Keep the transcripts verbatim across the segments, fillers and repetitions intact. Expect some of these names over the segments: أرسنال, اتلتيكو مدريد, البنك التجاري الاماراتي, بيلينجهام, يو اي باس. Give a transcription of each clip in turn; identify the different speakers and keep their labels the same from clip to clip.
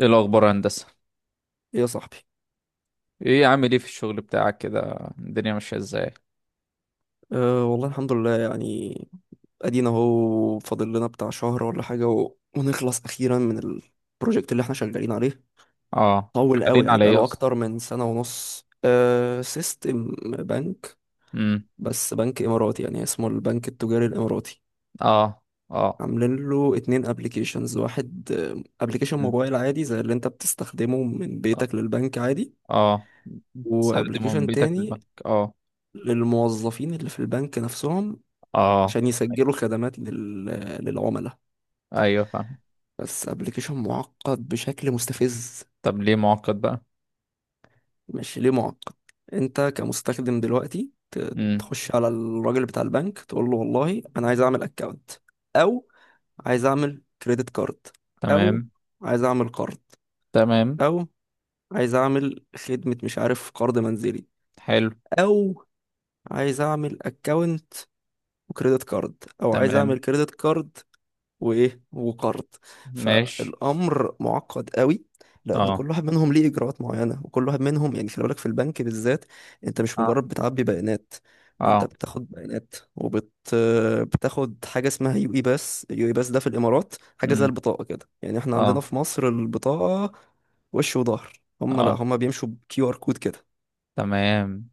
Speaker 1: ايه الاخبار يا هندسه؟
Speaker 2: ايه يا صاحبي؟
Speaker 1: ايه عامل ايه في الشغل بتاعك كده؟ الدنيا ماشيه ازاي؟
Speaker 2: أه والله الحمد لله يعني. ادينا اهو فاضل لنا بتاع شهر ولا حاجة و... ونخلص اخيرا من البروجكت اللي احنا شغالين عليه.
Speaker 1: اه،
Speaker 2: طول قوي،
Speaker 1: شغالين
Speaker 2: يعني
Speaker 1: على ايه
Speaker 2: بقاله
Speaker 1: اصلا؟
Speaker 2: اكتر من سنة ونص، أه سيستم بنك.
Speaker 1: امم
Speaker 2: بس بنك اماراتي، يعني اسمه البنك التجاري الاماراتي.
Speaker 1: اه. اه.
Speaker 2: عاملين له اتنين ابلكيشنز، واحد ابلكيشن
Speaker 1: مم.
Speaker 2: موبايل عادي زي اللي انت بتستخدمه من بيتك للبنك عادي،
Speaker 1: اه، تستخدمه من
Speaker 2: وابلكيشن
Speaker 1: بيتك
Speaker 2: تاني
Speaker 1: للبنك. اه.
Speaker 2: للموظفين اللي في البنك نفسهم،
Speaker 1: اه،
Speaker 2: عشان يسجلوا خدمات لل... للعملاء.
Speaker 1: ايوه فاهم.
Speaker 2: بس ابلكيشن معقد بشكل مستفز.
Speaker 1: طب ليه معقد بقى؟
Speaker 2: مش ليه معقد. انت كمستخدم دلوقتي ت-
Speaker 1: امم
Speaker 2: تخش على الراجل بتاع البنك، تقول له والله انا عايز اعمل اكونت، او عايز اعمل كريدت كارد، او
Speaker 1: تمام.
Speaker 2: عايز اعمل قرض،
Speaker 1: تمام.
Speaker 2: او عايز اعمل خدمة مش عارف، قرض منزلي،
Speaker 1: حلو.
Speaker 2: او عايز اعمل اكونت وكريدت كارد، او عايز اعمل
Speaker 1: تمام.
Speaker 2: كريدت كارد وايه وقرض.
Speaker 1: ماشي.
Speaker 2: فالامر معقد قوي، لان
Speaker 1: اه.
Speaker 2: كل واحد منهم ليه اجراءات معينه، وكل واحد منهم يعني خلي بالك، في البنك بالذات. انت مش مجرد
Speaker 1: اه.
Speaker 2: بتعبي بيانات، انت
Speaker 1: اه.
Speaker 2: بتاخد بيانات وبت بتاخد حاجه اسمها يو اي باس، يو اي باس ده في الامارات حاجه زي
Speaker 1: امم
Speaker 2: البطاقه كده، يعني احنا عندنا
Speaker 1: اه.
Speaker 2: في مصر البطاقه، وش وظهر. هم، لا،
Speaker 1: اه.
Speaker 2: هم بيمشوا بكيو ار كود كده.
Speaker 1: تمام.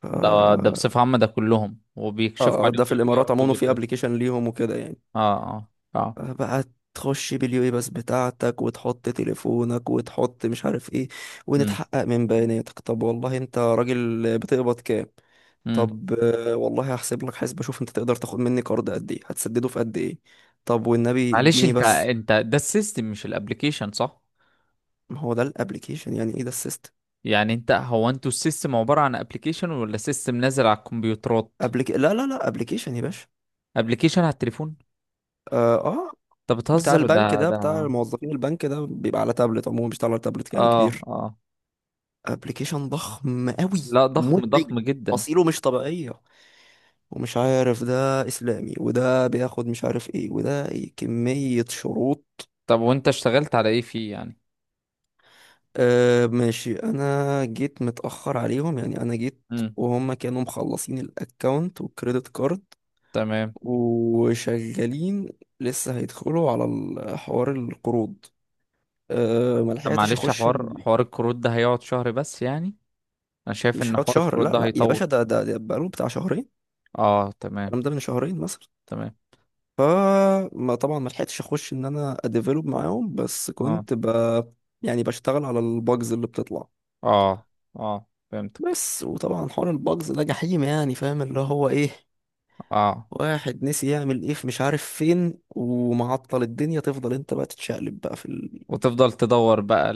Speaker 2: ف-
Speaker 1: ده ده
Speaker 2: اه
Speaker 1: بصفه عامه ده كلهم وبيكشفوا
Speaker 2: آه،
Speaker 1: عليهم
Speaker 2: ده في
Speaker 1: في البي ار
Speaker 2: الامارات
Speaker 1: كود
Speaker 2: عموما في
Speaker 1: وكده.
Speaker 2: ابلكيشن ليهم وكده يعني.
Speaker 1: اه. اه. اه.
Speaker 2: بقى تخش باليو اي بس بتاعتك، وتحط تليفونك، وتحط مش عارف ايه، ونتحقق من بياناتك. طب والله انت راجل بتقبض كام؟
Speaker 1: امم
Speaker 2: طب، آه، والله هحسب لك حساب، اشوف انت تقدر تاخد مني قرض قد ايه، هتسدده في قد ايه. طب والنبي
Speaker 1: معلش
Speaker 2: اديني
Speaker 1: انت،
Speaker 2: بس.
Speaker 1: انت ده السيستم مش الابليكيشن، صح؟
Speaker 2: ما هو ده الابليكيشن، يعني ايه ده السيستم؟
Speaker 1: يعني انت هو انتوا السيستم عبارة عن ابليكيشن ولا سيستم نازل على الكمبيوترات؟
Speaker 2: أبليك... لا، لا، لا، ابليكيشن يا باشا.
Speaker 1: ابليكيشن على التليفون؟
Speaker 2: اه. آه،
Speaker 1: انت
Speaker 2: بتاع
Speaker 1: بتهزر.
Speaker 2: البنك
Speaker 1: ده
Speaker 2: ده، بتاع
Speaker 1: ده
Speaker 2: موظفين البنك ده، بيبقى على تابلت، عموما مش على تابلت يعني
Speaker 1: اه.
Speaker 2: كبير.
Speaker 1: اه.
Speaker 2: ابليكيشن ضخم قوي،
Speaker 1: لا ضخم،
Speaker 2: مزعج،
Speaker 1: ضخم جدا.
Speaker 2: اصيله مش طبيعيه، ومش عارف ده اسلامي، وده بياخد مش عارف ايه، وده إيه، كمية شروط.
Speaker 1: طب وانت اشتغلت على ايه فيه يعني؟
Speaker 2: آه ماشي، انا جيت متأخر عليهم يعني، انا جيت
Speaker 1: امم
Speaker 2: وهم كانوا مخلصين الاكونت والكريدت كارد
Speaker 1: تمام.
Speaker 2: وشغالين. لسه هيدخلوا على ال- حوار القروض. أه ما
Speaker 1: طب
Speaker 2: لحقتش
Speaker 1: معلش
Speaker 2: اخش
Speaker 1: حوار،
Speaker 2: ال-
Speaker 1: حوار الكروت ده هيقعد شهر بس يعني؟ انا شايف
Speaker 2: مش
Speaker 1: ان
Speaker 2: هقعد
Speaker 1: حوار
Speaker 2: شهر،
Speaker 1: الكروت
Speaker 2: لا،
Speaker 1: ده
Speaker 2: لا، يا باشا،
Speaker 1: هيطول.
Speaker 2: ده ده, ده بقاله بتاع شهرين.
Speaker 1: اه تمام.
Speaker 2: الكلام ده من شهرين مثلا.
Speaker 1: تمام.
Speaker 2: ف ما طبعا ما لحقتش اخش ان انا اديفلوب معاهم، بس
Speaker 1: اه.
Speaker 2: كنت ب يعني بشتغل على الباجز اللي بتطلع.
Speaker 1: اه. اه فهمتك.
Speaker 2: بس، وطبعا حوار الباجز ده جحيم، يعني فاهم اللي هو ايه؟
Speaker 1: اه،
Speaker 2: واحد نسي يعمل ايه في مش عارف فين ومعطل الدنيا، تفضل انت بقى تتشقلب بقى في
Speaker 1: وتفضل تدور بقى.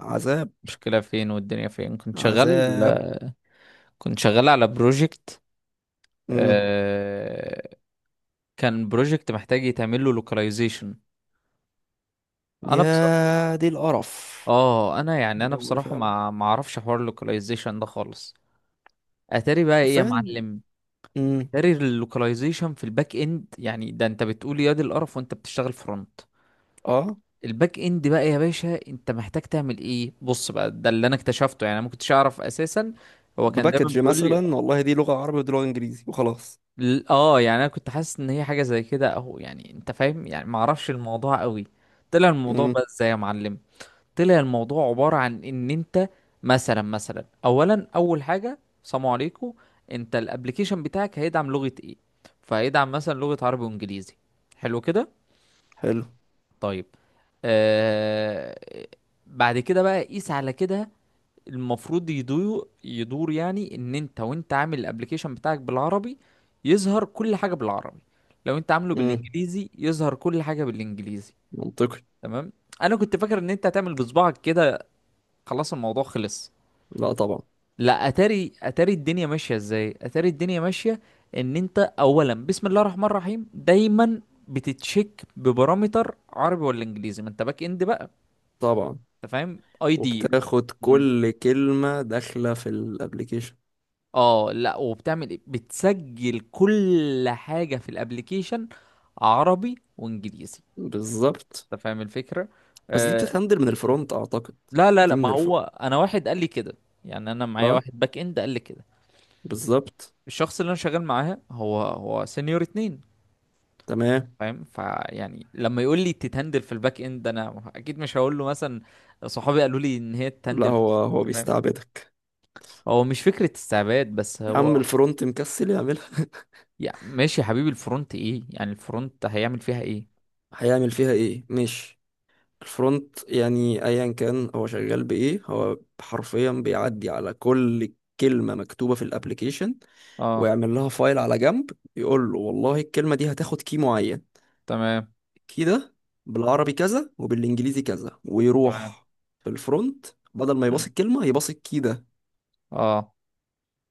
Speaker 2: العذاب.
Speaker 1: المشكلة فين والدنيا فين؟ كنت شغال،
Speaker 2: عذاب.
Speaker 1: كنت شغال على بروجكت،
Speaker 2: مم.
Speaker 1: كان بروجكت محتاج يتعمل له لوكاليزيشن. انا بصراحة،
Speaker 2: يا دي القرف!
Speaker 1: اه انا يعني انا
Speaker 2: حاجة مقرفة
Speaker 1: بصراحة
Speaker 2: أوي.
Speaker 1: ما ما اعرفش حوار اللوكاليزيشن ده خالص. اتاري بقى ايه يا
Speaker 2: حرفيا.
Speaker 1: معلم؟
Speaker 2: مم.
Speaker 1: اتاري اللوكاليزيشن في الباك اند يعني؟ ده انت بتقول يا دي القرف وانت بتشتغل فرونت.
Speaker 2: اه.
Speaker 1: الباك اند بقى يا باشا انت محتاج تعمل ايه، بص بقى ده اللي انا اكتشفته، يعني انا ما كنتش اعرف اساسا. هو كان دايما
Speaker 2: بباكج
Speaker 1: بيقول لي،
Speaker 2: مثلا، والله دي لغة عربي ودي لغة انجليزي وخلاص.
Speaker 1: ل- اه يعني انا كنت حاسس ان هي حاجه زي كده اهو، يعني انت فاهم، يعني ما اعرفش الموضوع قوي. طلع الموضوع
Speaker 2: مم.
Speaker 1: بقى ازاي يا معلم؟ طلع الموضوع عباره عن ان انت، مثلا مثلا اولا، اول حاجه سلام عليكم، انت الابليكيشن بتاعك هيدعم لغه ايه؟ فهيدعم مثلا لغه عربي وانجليزي، حلو كده.
Speaker 2: حلو.
Speaker 1: طيب. آه، بعد كده بقى قيس على كده، المفروض يدور يدور يعني ان انت، وانت عامل الابليكيشن بتاعك بالعربي، يظهر كل حاجه بالعربي. لو انت عامله بالانجليزي يظهر كل حاجه بالانجليزي.
Speaker 2: منطقي.
Speaker 1: تمام. انا كنت فاكر ان انت هتعمل بصبعك كده، خلاص الموضوع خلص.
Speaker 2: لا طبعا.
Speaker 1: لا، اتاري اتاري الدنيا ماشيه ازاي، اتاري الدنيا ماشيه ان انت اولا، بسم الله الرحمن الرحيم دايما، بتتشيك ببارامتر عربي ولا انجليزي، ما انت باك اند بقى.
Speaker 2: طبعا.
Speaker 1: انت فاهم اي دي.
Speaker 2: وبتاخد كل كلمة داخلة في الابليكيشن.
Speaker 1: اه، لا وبتعمل ايه، بتسجل كل حاجة في الابليكيشن عربي وانجليزي.
Speaker 2: بالظبط.
Speaker 1: انت فاهم الفكرة؟
Speaker 2: بس دي
Speaker 1: آه.
Speaker 2: بتتهندل من الفرونت اعتقد.
Speaker 1: لا لا
Speaker 2: دي
Speaker 1: لا ما
Speaker 2: من
Speaker 1: هو
Speaker 2: الفرونت.
Speaker 1: انا واحد قال لي كده، يعني انا معايا
Speaker 2: اه،
Speaker 1: واحد باك اند قال لي كده.
Speaker 2: بالظبط.
Speaker 1: الشخص اللي انا شغال معاه هو هو سينيور اتنين،
Speaker 2: تمام.
Speaker 1: فاهم؟ فيعني لما يقول لي تتهندل في الباك اند، انا اكيد مش هقول له مثلا صحابي قالوا لي ان هي
Speaker 2: لا،
Speaker 1: تتهندل في
Speaker 2: هو هو
Speaker 1: الفرونت، فاهم؟
Speaker 2: بيستعبدك.
Speaker 1: هو مش فكرة استعباد بس
Speaker 2: يا عم
Speaker 1: هو،
Speaker 2: الفرونت مكسل يعملها.
Speaker 1: يعني ماشي يا حبيبي، الفرونت ايه يعني، الفرونت هيعمل فيها ايه؟
Speaker 2: هيعمل فيها ايه، مش الفرونت يعني؟ ايا كان هو شغال بايه، هو حرفيا بيعدي على كل كلمة مكتوبة في الابليكيشن،
Speaker 1: اه.
Speaker 2: ويعمل لها فايل على جنب، يقول له والله الكلمة دي هتاخد كي معين
Speaker 1: تمام.
Speaker 2: كده، بالعربي كذا وبالانجليزي كذا،
Speaker 1: تمام.
Speaker 2: ويروح في الفرونت، بدل ما يباص
Speaker 1: مم.
Speaker 2: الكلمة يباص كده.
Speaker 1: اه.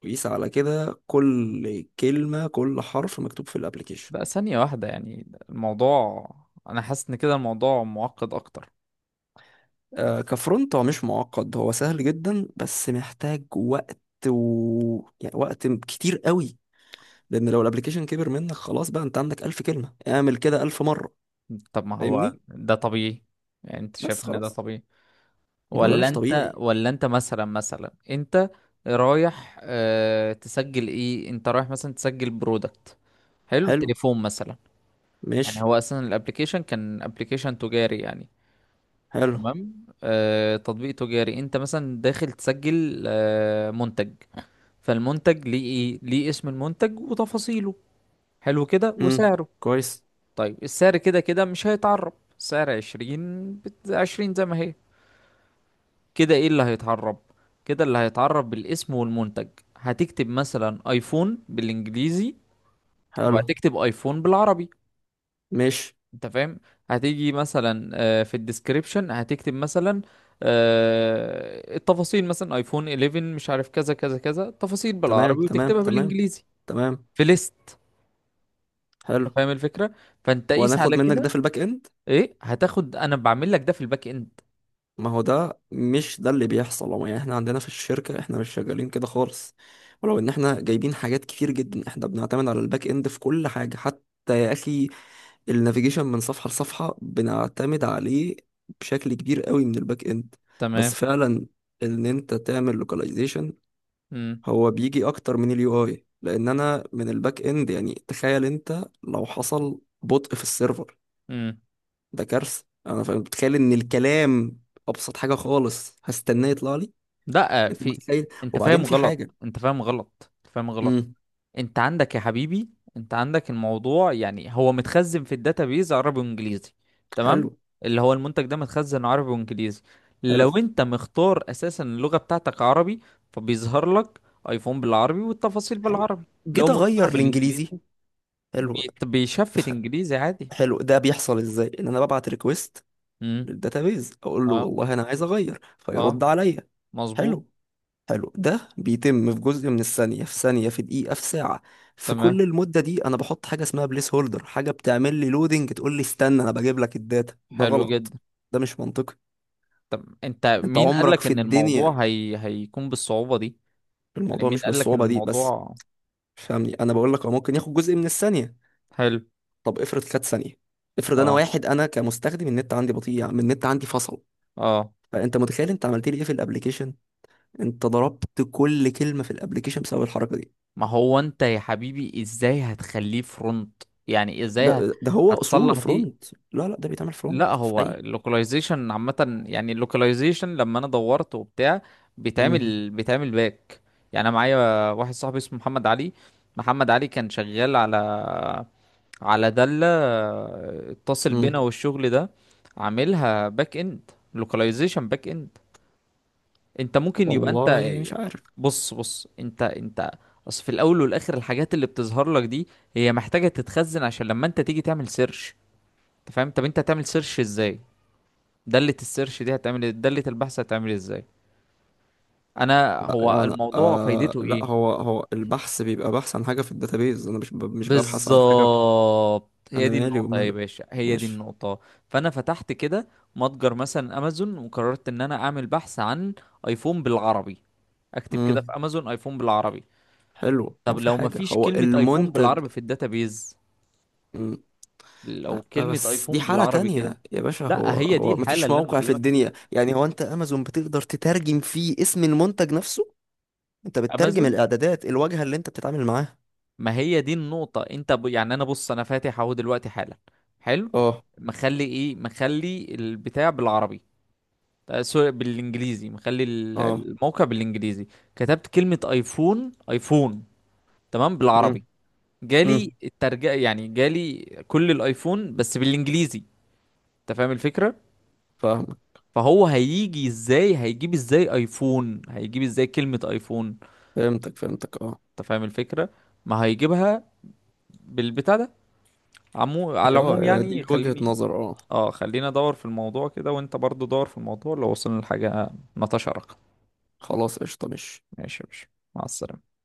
Speaker 2: ويقيس على كده كل كلمة، كل حرف مكتوب في الابليكيشن.
Speaker 1: بقى ثانية واحدة، يعني الموضوع، انا حاسس ان كده الموضوع معقد اكتر.
Speaker 2: آه كفرونت هو مش معقد، هو سهل جدا، بس محتاج وقت، و... يعني وقت كتير قوي. لان لو الابليكيشن كبر منك، خلاص بقى، انت عندك ألف كلمة، اعمل كده ألف مرة.
Speaker 1: طب ما هو
Speaker 2: فاهمني؟
Speaker 1: ده طبيعي، يعني انت
Speaker 2: بس
Speaker 1: شايف ان ده
Speaker 2: خلاص.
Speaker 1: طبيعي؟
Speaker 2: ما هو ده
Speaker 1: ولا
Speaker 2: مش
Speaker 1: انت،
Speaker 2: طبيعي.
Speaker 1: ولا انت مثلا، مثلا انت رايح، اه تسجل ايه، انت رايح مثلا تسجل برودكت، حلو
Speaker 2: حلو.
Speaker 1: تليفون مثلا. يعني
Speaker 2: ماشي.
Speaker 1: هو اصلا الابليكيشن كان ابليكيشن تجاري يعني.
Speaker 2: حلو.
Speaker 1: تمام، آه تطبيق تجاري، انت مثلا داخل تسجل آه منتج، فالمنتج ليه ايه، ليه اسم المنتج وتفاصيله، حلو كده،
Speaker 2: امم.
Speaker 1: وسعره.
Speaker 2: كويس.
Speaker 1: طيب السعر كده كده مش هيتعرب، سعر عشرين بت- عشرين زي ما هي كده. ايه اللي هيتعرب كده؟ اللي هيتعرب بالاسم والمنتج، هتكتب مثلا ايفون بالانجليزي
Speaker 2: حلو.
Speaker 1: وهتكتب ايفون بالعربي،
Speaker 2: ماشي.
Speaker 1: انت فاهم؟ هتيجي مثلا آه، في الديسكريبشن هتكتب مثلا آه، التفاصيل مثلا ايفون احداشر، مش عارف كذا كذا كذا تفاصيل
Speaker 2: تمام،
Speaker 1: بالعربي
Speaker 2: تمام،
Speaker 1: وتكتبها
Speaker 2: تمام،
Speaker 1: بالانجليزي
Speaker 2: تمام.
Speaker 1: في ليست،
Speaker 2: حلو.
Speaker 1: انت فاهم الفكره؟ فانت قيس على
Speaker 2: وهناخد منك ده
Speaker 1: كده.
Speaker 2: في الباك اند.
Speaker 1: ايه هتاخد، انا بعمل لك ده في الباك اند.
Speaker 2: ما هو ده مش ده اللي بيحصل، هو يعني احنا عندنا في الشركة احنا مش شغالين كده خالص، ولو ان احنا جايبين حاجات كتير جدا احنا بنعتمد على الباك اند في كل حاجة، حتى يا اخي النافيجيشن من صفحة لصفحة بنعتمد عليه بشكل كبير قوي من الباك اند.
Speaker 1: تمام.
Speaker 2: بس فعلا، ان انت تعمل لوكاليزيشن،
Speaker 1: امم
Speaker 2: هو بيجي اكتر من اليو اي، لان انا من الباك اند، يعني تخيل انت لو حصل بطء في السيرفر،
Speaker 1: امم
Speaker 2: ده كارثه. انا فاهم، بتخيل ان الكلام ابسط حاجه خالص هستناه يطلع لي.
Speaker 1: لا،
Speaker 2: انت
Speaker 1: في،
Speaker 2: متخيل؟
Speaker 1: انت
Speaker 2: وبعدين
Speaker 1: فاهم
Speaker 2: في
Speaker 1: غلط،
Speaker 2: حاجه.
Speaker 1: انت فاهم غلط انت فاهم غلط
Speaker 2: امم.
Speaker 1: انت عندك يا حبيبي، انت عندك الموضوع، يعني هو متخزن في الداتابيز عربي وانجليزي، تمام؟
Speaker 2: حلو.
Speaker 1: اللي هو المنتج ده متخزن عربي وانجليزي.
Speaker 2: حلو.
Speaker 1: لو انت مختار اساسا اللغه بتاعتك عربي، فبيظهر لك ايفون بالعربي والتفاصيل
Speaker 2: حلو.
Speaker 1: بالعربي. لو
Speaker 2: جيت
Speaker 1: مختارها
Speaker 2: اغير
Speaker 1: بالانجليزي،
Speaker 2: الانجليزي. حلو.
Speaker 1: بيت- بيشفت
Speaker 2: ف-
Speaker 1: انجليزي عادي.
Speaker 2: حلو، ده بيحصل ازاي؟ ان انا ببعت ريكويست للداتابيز، اقول له
Speaker 1: اه.
Speaker 2: والله انا عايز اغير،
Speaker 1: اه،
Speaker 2: فيرد عليا.
Speaker 1: مظبوط.
Speaker 2: حلو. حلو، ده بيتم في جزء من الثانيه، في ثانيه، في دقيقه، في ساعه. في
Speaker 1: تمام.
Speaker 2: كل المده دي انا بحط حاجه اسمها بليس هولدر، حاجه بتعمل لي لودنج، تقول لي استنى انا بجيب لك الداتا. ده
Speaker 1: حلو
Speaker 2: غلط،
Speaker 1: جدا.
Speaker 2: ده مش منطقي.
Speaker 1: طب انت
Speaker 2: انت
Speaker 1: مين قال
Speaker 2: عمرك
Speaker 1: لك
Speaker 2: في
Speaker 1: ان
Speaker 2: الدنيا،
Speaker 1: الموضوع هي... هيكون بالصعوبة دي، يعني
Speaker 2: الموضوع
Speaker 1: مين
Speaker 2: مش
Speaker 1: قال لك ان
Speaker 2: بالصعوبة دي، بس
Speaker 1: الموضوع؟
Speaker 2: فاهمني، انا بقول لك هو ممكن ياخد جزء من الثانية.
Speaker 1: حلو.
Speaker 2: طب افرض خد ثانية. افرض انا
Speaker 1: اه.
Speaker 2: واحد، انا كمستخدم النت عندي بطيء، يعني النت عندي فصل.
Speaker 1: اه،
Speaker 2: فانت متخيل انت عملت لي ايه في الابليكيشن؟ انت ضربت كل كلمة في الابليكيشن بسبب الحركة دي.
Speaker 1: ما هو انت يا حبيبي ازاي هتخليه فرونت، يعني ازاي هت...
Speaker 2: ب- ده هو اصوله
Speaker 1: هتصلح دي؟
Speaker 2: فرونت. لا، لا، ده بيتعمل
Speaker 1: لا
Speaker 2: فرونت في
Speaker 1: هو
Speaker 2: اي.
Speaker 1: اللوكاليزيشن عامة، يعني اللوكاليزيشن لما انا دورت وبتاع،
Speaker 2: امم.
Speaker 1: بيتعمل بيتعمل باك. يعني انا معايا واحد صاحبي اسمه محمد علي، محمد علي كان شغال على، على دالة آه، اتصل بينا
Speaker 2: امم.
Speaker 1: والشغل ده، عاملها باك اند، لوكاليزيشن باك اند. انت ممكن يبقى انت،
Speaker 2: والله مش عارف.
Speaker 1: بص بص انت، انت اصل في الاول والاخر الحاجات اللي بتظهر لك دي هي محتاجة تتخزن عشان لما انت تيجي تعمل سيرش، انت فاهم؟ طب انت هتعمل سيرش ازاي؟ دالة السيرش دي هتعمل إيه؟ دالة البحث هتعمل إيه، ازاي؟ انا
Speaker 2: لا
Speaker 1: هو
Speaker 2: يعني
Speaker 1: الموضوع
Speaker 2: آه
Speaker 1: فايدته
Speaker 2: لا،
Speaker 1: ايه؟
Speaker 2: هو هو البحث بيبقى بحث عن حاجة في الداتابيز، انا مش ب- مش ببحث عن حاجة.
Speaker 1: بالظبط، هي
Speaker 2: انا
Speaker 1: دي
Speaker 2: مالي
Speaker 1: النقطة يا
Speaker 2: ومالك.
Speaker 1: باشا، هي دي
Speaker 2: ماشي.
Speaker 1: النقطة. فأنا فتحت كده متجر مثلا أمازون، وقررت إن أنا أعمل بحث عن أيفون بالعربي، أكتب كده في
Speaker 2: امم.
Speaker 1: أمازون أيفون بالعربي.
Speaker 2: حلو، ما
Speaker 1: طب
Speaker 2: في
Speaker 1: لو
Speaker 2: حاجة
Speaker 1: مفيش
Speaker 2: هو
Speaker 1: كلمة أيفون
Speaker 2: المنتج.
Speaker 1: بالعربي في الداتابيز،
Speaker 2: مم.
Speaker 1: لو
Speaker 2: لا،
Speaker 1: كلمة
Speaker 2: بس دي
Speaker 1: أيفون
Speaker 2: حالة
Speaker 1: بالعربي كده.
Speaker 2: تانية يا باشا، هو
Speaker 1: لا هي دي
Speaker 2: هو ما
Speaker 1: الحالة
Speaker 2: فيش
Speaker 1: اللي أنا
Speaker 2: موقع في
Speaker 1: بكلمك فيها،
Speaker 2: الدنيا يعني، هو انت امازون بتقدر تترجم فيه اسم المنتج نفسه؟ انت بتترجم
Speaker 1: أمازون.
Speaker 2: الاعدادات، الواجهة اللي انت بتتعامل معاها.
Speaker 1: ما هي دي النقطة، أنت ب... يعني أنا بص، أنا فاتح أهو دلوقتي حالا، حلو،
Speaker 2: اه،
Speaker 1: مخلي إيه، مخلي البتاع بالعربي، آه، سوري بالانجليزي، مخلي ال-
Speaker 2: اه.
Speaker 1: الموقع بالانجليزي، كتبت كلمة ايفون، ايفون تمام،
Speaker 2: امم،
Speaker 1: بالعربي،
Speaker 2: امم.
Speaker 1: جالي الترجمة يعني جالي كل الايفون بس بالانجليزي، انت فاهم الفكرة؟
Speaker 2: فاهمك.
Speaker 1: فهو هيجي ازاي، هيجيب ازاي ايفون، هيجيب ازاي كلمة ايفون؟
Speaker 2: فهمتك، فهمتك، اه.
Speaker 1: انت فاهم الفكرة؟ ما هيجيبها بالبتاع ده. عمو... على
Speaker 2: هي
Speaker 1: العموم
Speaker 2: اه
Speaker 1: يعني
Speaker 2: دي وجهة
Speaker 1: خليني،
Speaker 2: نظر، اه.
Speaker 1: اه خلينا ادور في الموضوع كده وانت برضو دور في الموضوع، لو وصلنا لحاجة نتشارك.
Speaker 2: خلاص قشطة ماشي.
Speaker 1: ماشي يا باشا، مع السلامة.